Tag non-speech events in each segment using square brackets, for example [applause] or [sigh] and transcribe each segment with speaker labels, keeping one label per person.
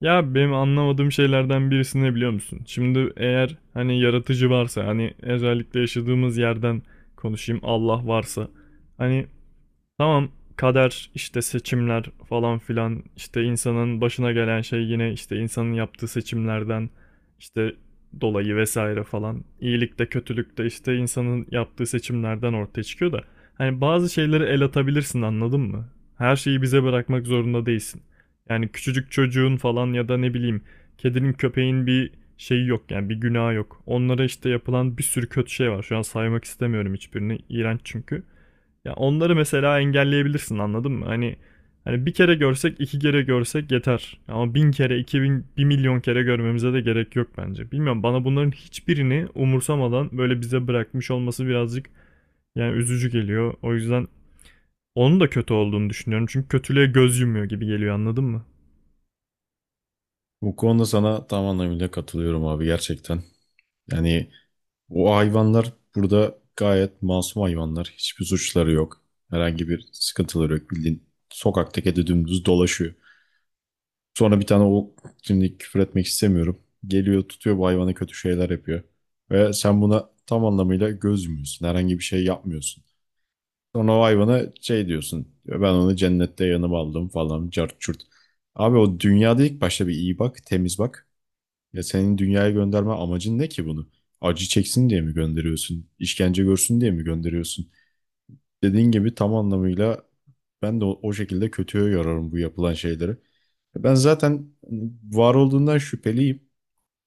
Speaker 1: Ya benim anlamadığım şeylerden birisi ne biliyor musun? Şimdi eğer hani yaratıcı varsa hani özellikle yaşadığımız yerden konuşayım, Allah varsa hani. Tamam, kader işte, seçimler falan filan, işte insanın başına gelen şey yine işte insanın yaptığı seçimlerden işte dolayı vesaire falan. İyilik de kötülük de işte insanın yaptığı seçimlerden ortaya çıkıyor da. Hani bazı şeyleri el atabilirsin anladın mı? Her şeyi bize bırakmak zorunda değilsin. Yani küçücük çocuğun falan ya da ne bileyim kedinin köpeğin bir şeyi yok yani, bir günahı yok. Onlara işte yapılan bir sürü kötü şey var. Şu an saymak istemiyorum hiçbirini. İğrenç çünkü. Ya onları mesela engelleyebilirsin anladın mı? Hani bir kere görsek, iki kere görsek yeter. Ama 1000 kere, 2000, 1.000.000 kere görmemize de gerek yok bence. Bilmiyorum, bana bunların hiçbirini umursamadan böyle bize bırakmış olması birazcık yani üzücü geliyor. O yüzden onun da kötü olduğunu düşünüyorum. Çünkü kötülüğe göz yumuyor gibi geliyor anladın mı?
Speaker 2: Bu konuda sana tam anlamıyla katılıyorum abi gerçekten. Yani o hayvanlar burada gayet masum hayvanlar. Hiçbir suçları yok. Herhangi bir sıkıntıları yok. Bildiğin sokakta kedi dümdüz dolaşıyor. Sonra bir tane o şimdi küfür etmek istemiyorum. Geliyor tutuyor bu hayvana kötü şeyler yapıyor. Ve sen buna tam anlamıyla göz yumuyorsun. Herhangi bir şey yapmıyorsun. Sonra o hayvana şey diyorsun. Ben onu cennette yanıma aldım falan cart çurt. Abi o dünyada ilk başta bir iyi bak, temiz bak. Ya senin dünyaya gönderme amacın ne ki bunu? Acı çeksin diye mi gönderiyorsun? İşkence görsün diye mi gönderiyorsun? Dediğin gibi tam anlamıyla ben de o şekilde kötüye yorarım bu yapılan şeyleri. E ben zaten hani, var olduğundan şüpheliyim.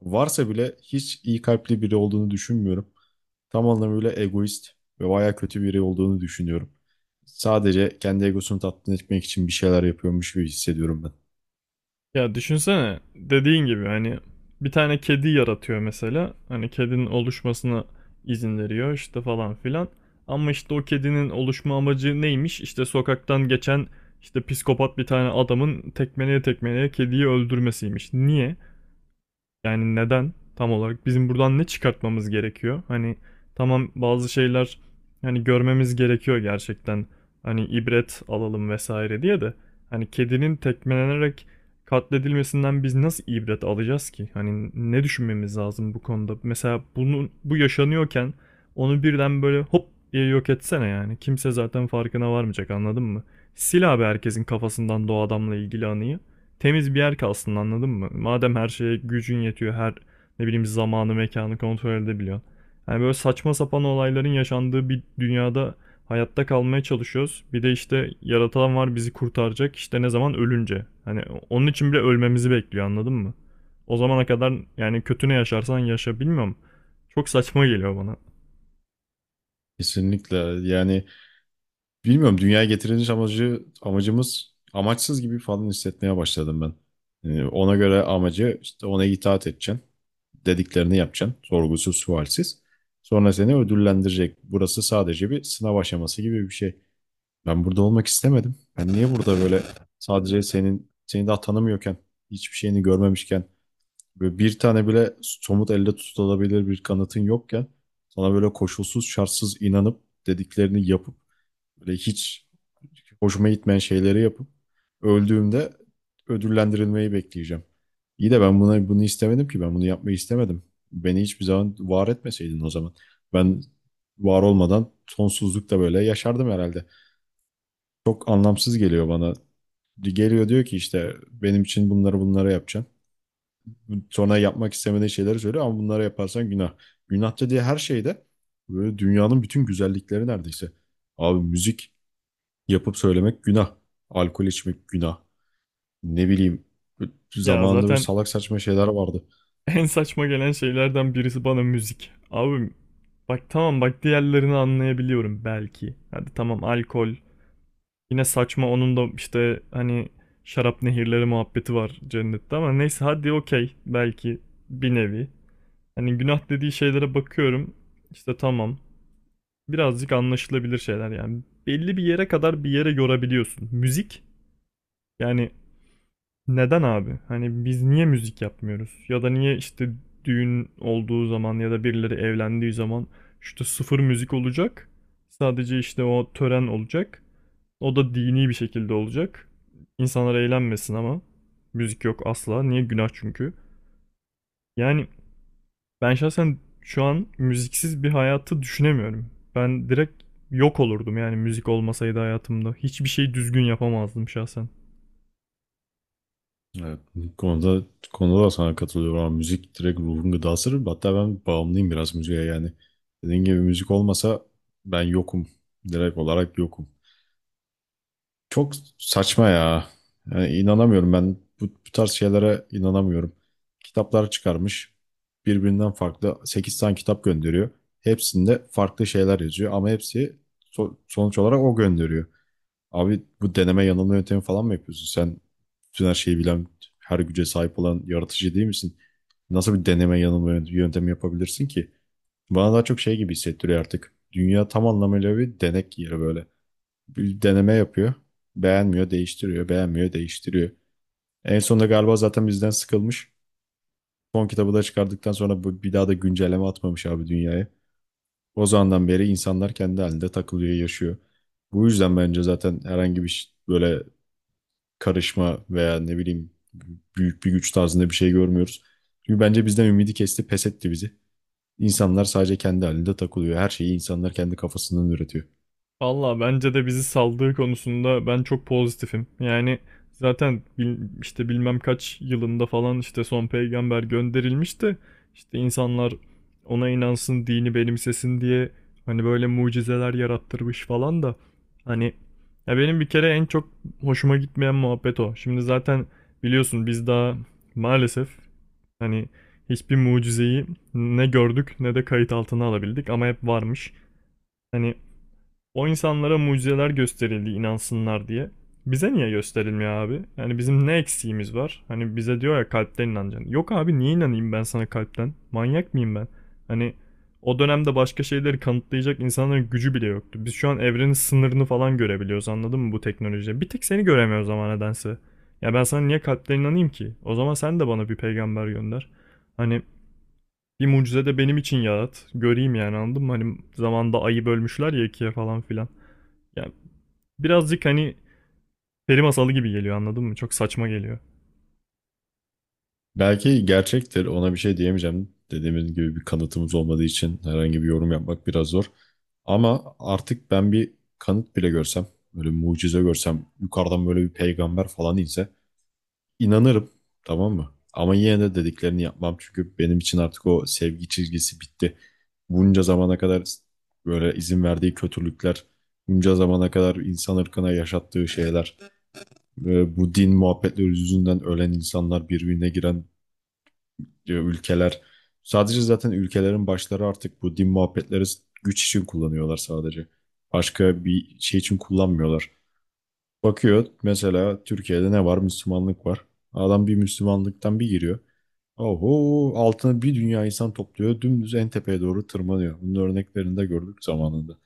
Speaker 2: Varsa bile hiç iyi kalpli biri olduğunu düşünmüyorum. Tam anlamıyla egoist ve bayağı kötü biri olduğunu düşünüyorum. Sadece kendi egosunu tatmin etmek için bir şeyler yapıyormuş gibi hissediyorum ben.
Speaker 1: Ya düşünsene, dediğin gibi hani bir tane kedi yaratıyor mesela. Hani kedinin oluşmasına izin veriyor işte falan filan. Ama işte o kedinin oluşma amacı neymiş? İşte sokaktan geçen işte psikopat bir tane adamın tekmeleye tekmeleye kediyi öldürmesiymiş. Niye? Yani neden, tam olarak bizim buradan ne çıkartmamız gerekiyor? Hani tamam, bazı şeyler hani görmemiz gerekiyor gerçekten. Hani ibret alalım vesaire diye de, hani kedinin tekmelenerek katledilmesinden biz nasıl ibret alacağız ki? Hani ne düşünmemiz lazım bu konuda? Mesela bunun, bu yaşanıyorken onu birden böyle hop diye yok etsene yani. Kimse zaten farkına varmayacak anladın mı? Sil abi, herkesin kafasından doğu adamla ilgili anıyı, temiz bir yer kalsın anladın mı? Madem her şeye gücün yetiyor, her ne bileyim zamanı, mekanı kontrol edebiliyorsun. Yani böyle saçma sapan olayların yaşandığı bir dünyada hayatta kalmaya çalışıyoruz. Bir de işte yaratan var bizi kurtaracak işte ne zaman ölünce. Hani onun için bile ölmemizi bekliyor anladın mı? O zamana kadar yani kötü ne yaşarsan yaşa, bilmiyorum. Çok saçma geliyor bana.
Speaker 2: Kesinlikle, yani bilmiyorum, dünyaya getiriliş amacı amacımız amaçsız gibi falan hissetmeye başladım ben. Yani ona göre amacı işte ona itaat edeceksin. Dediklerini yapacaksın. Sorgusuz sualsiz. Sonra seni ödüllendirecek. Burası sadece bir sınav aşaması gibi bir şey. Ben burada olmak istemedim. Ben niye burada böyle sadece senin seni daha tanımıyorken hiçbir şeyini görmemişken böyle bir tane bile somut elde tutulabilir bir kanıtın yokken sana böyle koşulsuz şartsız inanıp dediklerini yapıp böyle hiç hoşuma gitmeyen şeyleri yapıp öldüğümde ödüllendirilmeyi bekleyeceğim. İyi de ben buna bunu istemedim ki, ben bunu yapmayı istemedim. Beni hiçbir zaman var etmeseydin o zaman. Ben var olmadan sonsuzlukta böyle yaşardım herhalde. Çok anlamsız geliyor bana. Geliyor diyor ki işte benim için bunları yapacaksın. Sonra yapmak istemediğin şeyleri söylüyor ama bunları yaparsan günah. Günah dediği her şeyde böyle dünyanın bütün güzellikleri neredeyse. Abi müzik yapıp söylemek günah. Alkol içmek günah. Ne bileyim,
Speaker 1: Ya
Speaker 2: zamanında böyle
Speaker 1: zaten
Speaker 2: salak saçma şeyler vardı.
Speaker 1: [laughs] en saçma gelen şeylerden birisi bana müzik. Abi bak, tamam, bak, diğerlerini anlayabiliyorum belki. Hadi tamam, alkol. Yine saçma, onun da işte hani şarap nehirleri muhabbeti var cennette ama neyse, hadi okey, belki bir nevi. Hani günah dediği şeylere bakıyorum. İşte tamam. Birazcık anlaşılabilir şeyler yani. Belli bir yere kadar bir yere yorabiliyorsun. Müzik yani, neden abi? Hani biz niye müzik yapmıyoruz? Ya da niye işte düğün olduğu zaman ya da birileri evlendiği zaman işte sıfır müzik olacak. Sadece işte o tören olacak. O da dini bir şekilde olacak. İnsanlar eğlenmesin ama, müzik yok asla. Niye? Günah çünkü. Yani ben şahsen şu an müziksiz bir hayatı düşünemiyorum. Ben direkt yok olurdum yani müzik olmasaydı hayatımda. Hiçbir şey düzgün yapamazdım şahsen.
Speaker 2: Evet, bu konuda da sana katılıyorum ama müzik direkt ruhun gıdası. Hatta ben bağımlıyım biraz müziğe yani. Dediğin gibi müzik olmasa ben yokum. Direkt olarak yokum. Çok saçma ya. Yani inanamıyorum ben bu tarz şeylere inanamıyorum. Kitaplar çıkarmış. Birbirinden farklı 8 tane kitap gönderiyor. Hepsinde farklı şeyler yazıyor ama hepsi sonuç olarak o gönderiyor. Abi bu deneme yanılma yöntemi falan mı yapıyorsun? Sen bütün her şeyi bilen, her güce sahip olan yaratıcı değil misin? Nasıl bir deneme yanılma yöntemi yapabilirsin ki? Bana daha çok şey gibi hissettiriyor artık. Dünya tam anlamıyla bir denek yeri, böyle bir deneme yapıyor. Beğenmiyor, değiştiriyor, beğenmiyor, değiştiriyor. En sonunda galiba zaten bizden sıkılmış. Son kitabı da çıkardıktan sonra bir daha da güncelleme atmamış abi dünyaya. O zamandan beri insanlar kendi halinde takılıyor, yaşıyor. Bu yüzden bence zaten herhangi bir böyle karışma veya ne bileyim büyük bir güç tarzında bir şey görmüyoruz. Çünkü bence bizden ümidi kesti, pes etti bizi. İnsanlar sadece kendi halinde takılıyor. Her şeyi insanlar kendi kafasından üretiyor.
Speaker 1: Valla bence de bizi saldığı konusunda ben çok pozitifim. Yani zaten işte bilmem kaç yılında falan işte son peygamber gönderilmişti. İşte insanlar ona inansın, dini benimsesin diye hani böyle mucizeler yarattırmış falan da. Hani ya, benim bir kere en çok hoşuma gitmeyen muhabbet o. Şimdi zaten biliyorsun biz daha maalesef hani hiçbir mucizeyi ne gördük ne de kayıt altına alabildik, ama hep varmış. Hani o insanlara mucizeler gösterildi inansınlar diye. Bize niye gösterilmiyor abi? Yani bizim ne eksiğimiz var? Hani bize diyor ya kalpten inanacaksın. Yok abi, niye inanayım ben sana kalpten? Manyak mıyım ben? Hani o dönemde başka şeyleri kanıtlayacak insanların gücü bile yoktu. Biz şu an evrenin sınırını falan görebiliyoruz anladın mı bu teknolojiyle? Bir tek seni göremiyoruz ama nedense. Ya ben sana niye kalpten inanayım ki? O zaman sen de bana bir peygamber gönder. Hani bir mucize de benim için yarat. Göreyim yani, anladın mı? Hani zamanda ayı bölmüşler ya ikiye falan filan. Yani birazcık hani peri masalı gibi geliyor anladın mı? Çok saçma geliyor.
Speaker 2: Belki gerçektir, ona bir şey diyemeyeceğim. Dediğimiz gibi bir kanıtımız olmadığı için herhangi bir yorum yapmak biraz zor. Ama artık ben bir kanıt bile görsem, böyle bir mucize görsem, yukarıdan böyle bir peygamber falan inse inanırım, tamam mı? Ama yine de dediklerini yapmam çünkü benim için artık o sevgi çizgisi bitti. Bunca zamana kadar böyle izin verdiği kötülükler, bunca zamana kadar insan ırkına yaşattığı şeyler, ve bu din muhabbetleri yüzünden ölen insanlar, birbirine giren diyor ülkeler. Sadece zaten ülkelerin başları artık bu din muhabbetleri güç için kullanıyorlar sadece. Başka bir şey için kullanmıyorlar. Bakıyor mesela Türkiye'de ne var? Müslümanlık var. Adam bir Müslümanlıktan bir giriyor. Oho, altına bir dünya insan topluyor. Dümdüz en tepeye doğru tırmanıyor. Bunun örneklerini de gördük zamanında.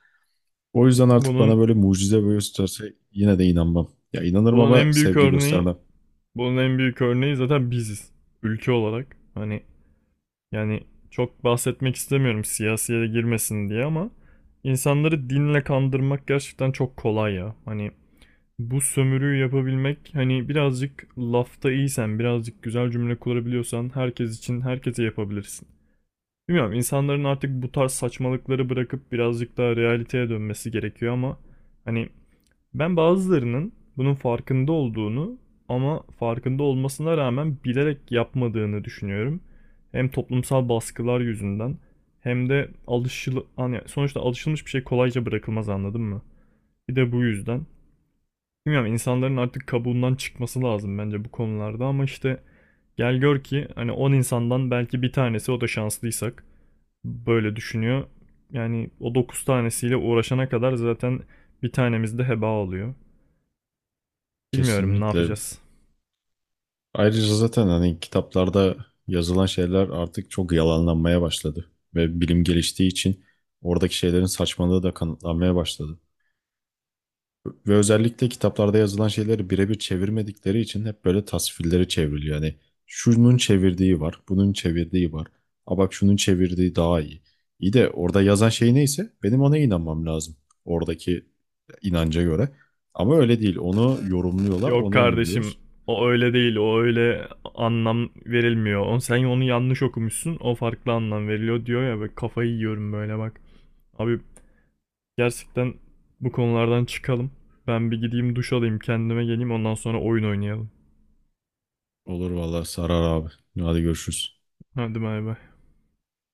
Speaker 2: O yüzden artık bana
Speaker 1: Bunun
Speaker 2: böyle mucize böyle tutarsa yine de inanmam. Ya inanırım
Speaker 1: bunun
Speaker 2: ama
Speaker 1: en büyük
Speaker 2: sevgi
Speaker 1: örneği
Speaker 2: göstermem.
Speaker 1: bunun en büyük örneği zaten biziz. Ülke olarak. Hani yani çok bahsetmek istemiyorum siyasiye de girmesin diye, ama insanları dinle kandırmak gerçekten çok kolay ya. Hani bu sömürüyü yapabilmek, hani birazcık lafta iyisen, birazcık güzel cümle kurabiliyorsan herkes için, herkese yapabilirsin. Bilmiyorum, insanların artık bu tarz saçmalıkları bırakıp birazcık daha realiteye dönmesi gerekiyor ama hani ben bazılarının bunun farkında olduğunu, ama farkında olmasına rağmen bilerek yapmadığını düşünüyorum. Hem toplumsal baskılar yüzünden hem de alışılı, hani sonuçta alışılmış bir şey kolayca bırakılmaz anladın mı? Bir de bu yüzden. Bilmiyorum, insanların artık kabuğundan çıkması lazım bence bu konularda ama işte gel gör ki hani 10 insandan belki bir tanesi, o da şanslıysak, böyle düşünüyor. Yani o 9 tanesiyle uğraşana kadar zaten bir tanemiz de heba oluyor. Bilmiyorum ne
Speaker 2: Kesinlikle.
Speaker 1: yapacağız.
Speaker 2: Ayrıca zaten hani kitaplarda yazılan şeyler artık çok yalanlanmaya başladı. Ve bilim geliştiği için oradaki şeylerin saçmalığı da kanıtlanmaya başladı. Ve özellikle kitaplarda yazılan şeyleri birebir çevirmedikleri için hep böyle tasvirleri çevriliyor. Yani şunun çevirdiği var, bunun çevirdiği var. A bak, şunun çevirdiği daha iyi. İyi de orada yazan şey neyse benim ona inanmam lazım. Oradaki inanca göre. Ama öyle değil. Onu yorumluyorlar,
Speaker 1: Yok
Speaker 2: ona
Speaker 1: kardeşim,
Speaker 2: inanıyoruz.
Speaker 1: o öyle değil, o öyle anlam verilmiyor. O, sen onu yanlış okumuşsun, o farklı anlam veriliyor diyor ya, böyle kafayı yiyorum böyle bak. Abi gerçekten bu konulardan çıkalım. Ben bir gideyim duş alayım, kendime geleyim, ondan sonra oyun oynayalım.
Speaker 2: Olur vallahi, sarar abi. Hadi görüşürüz.
Speaker 1: Hadi bay bay.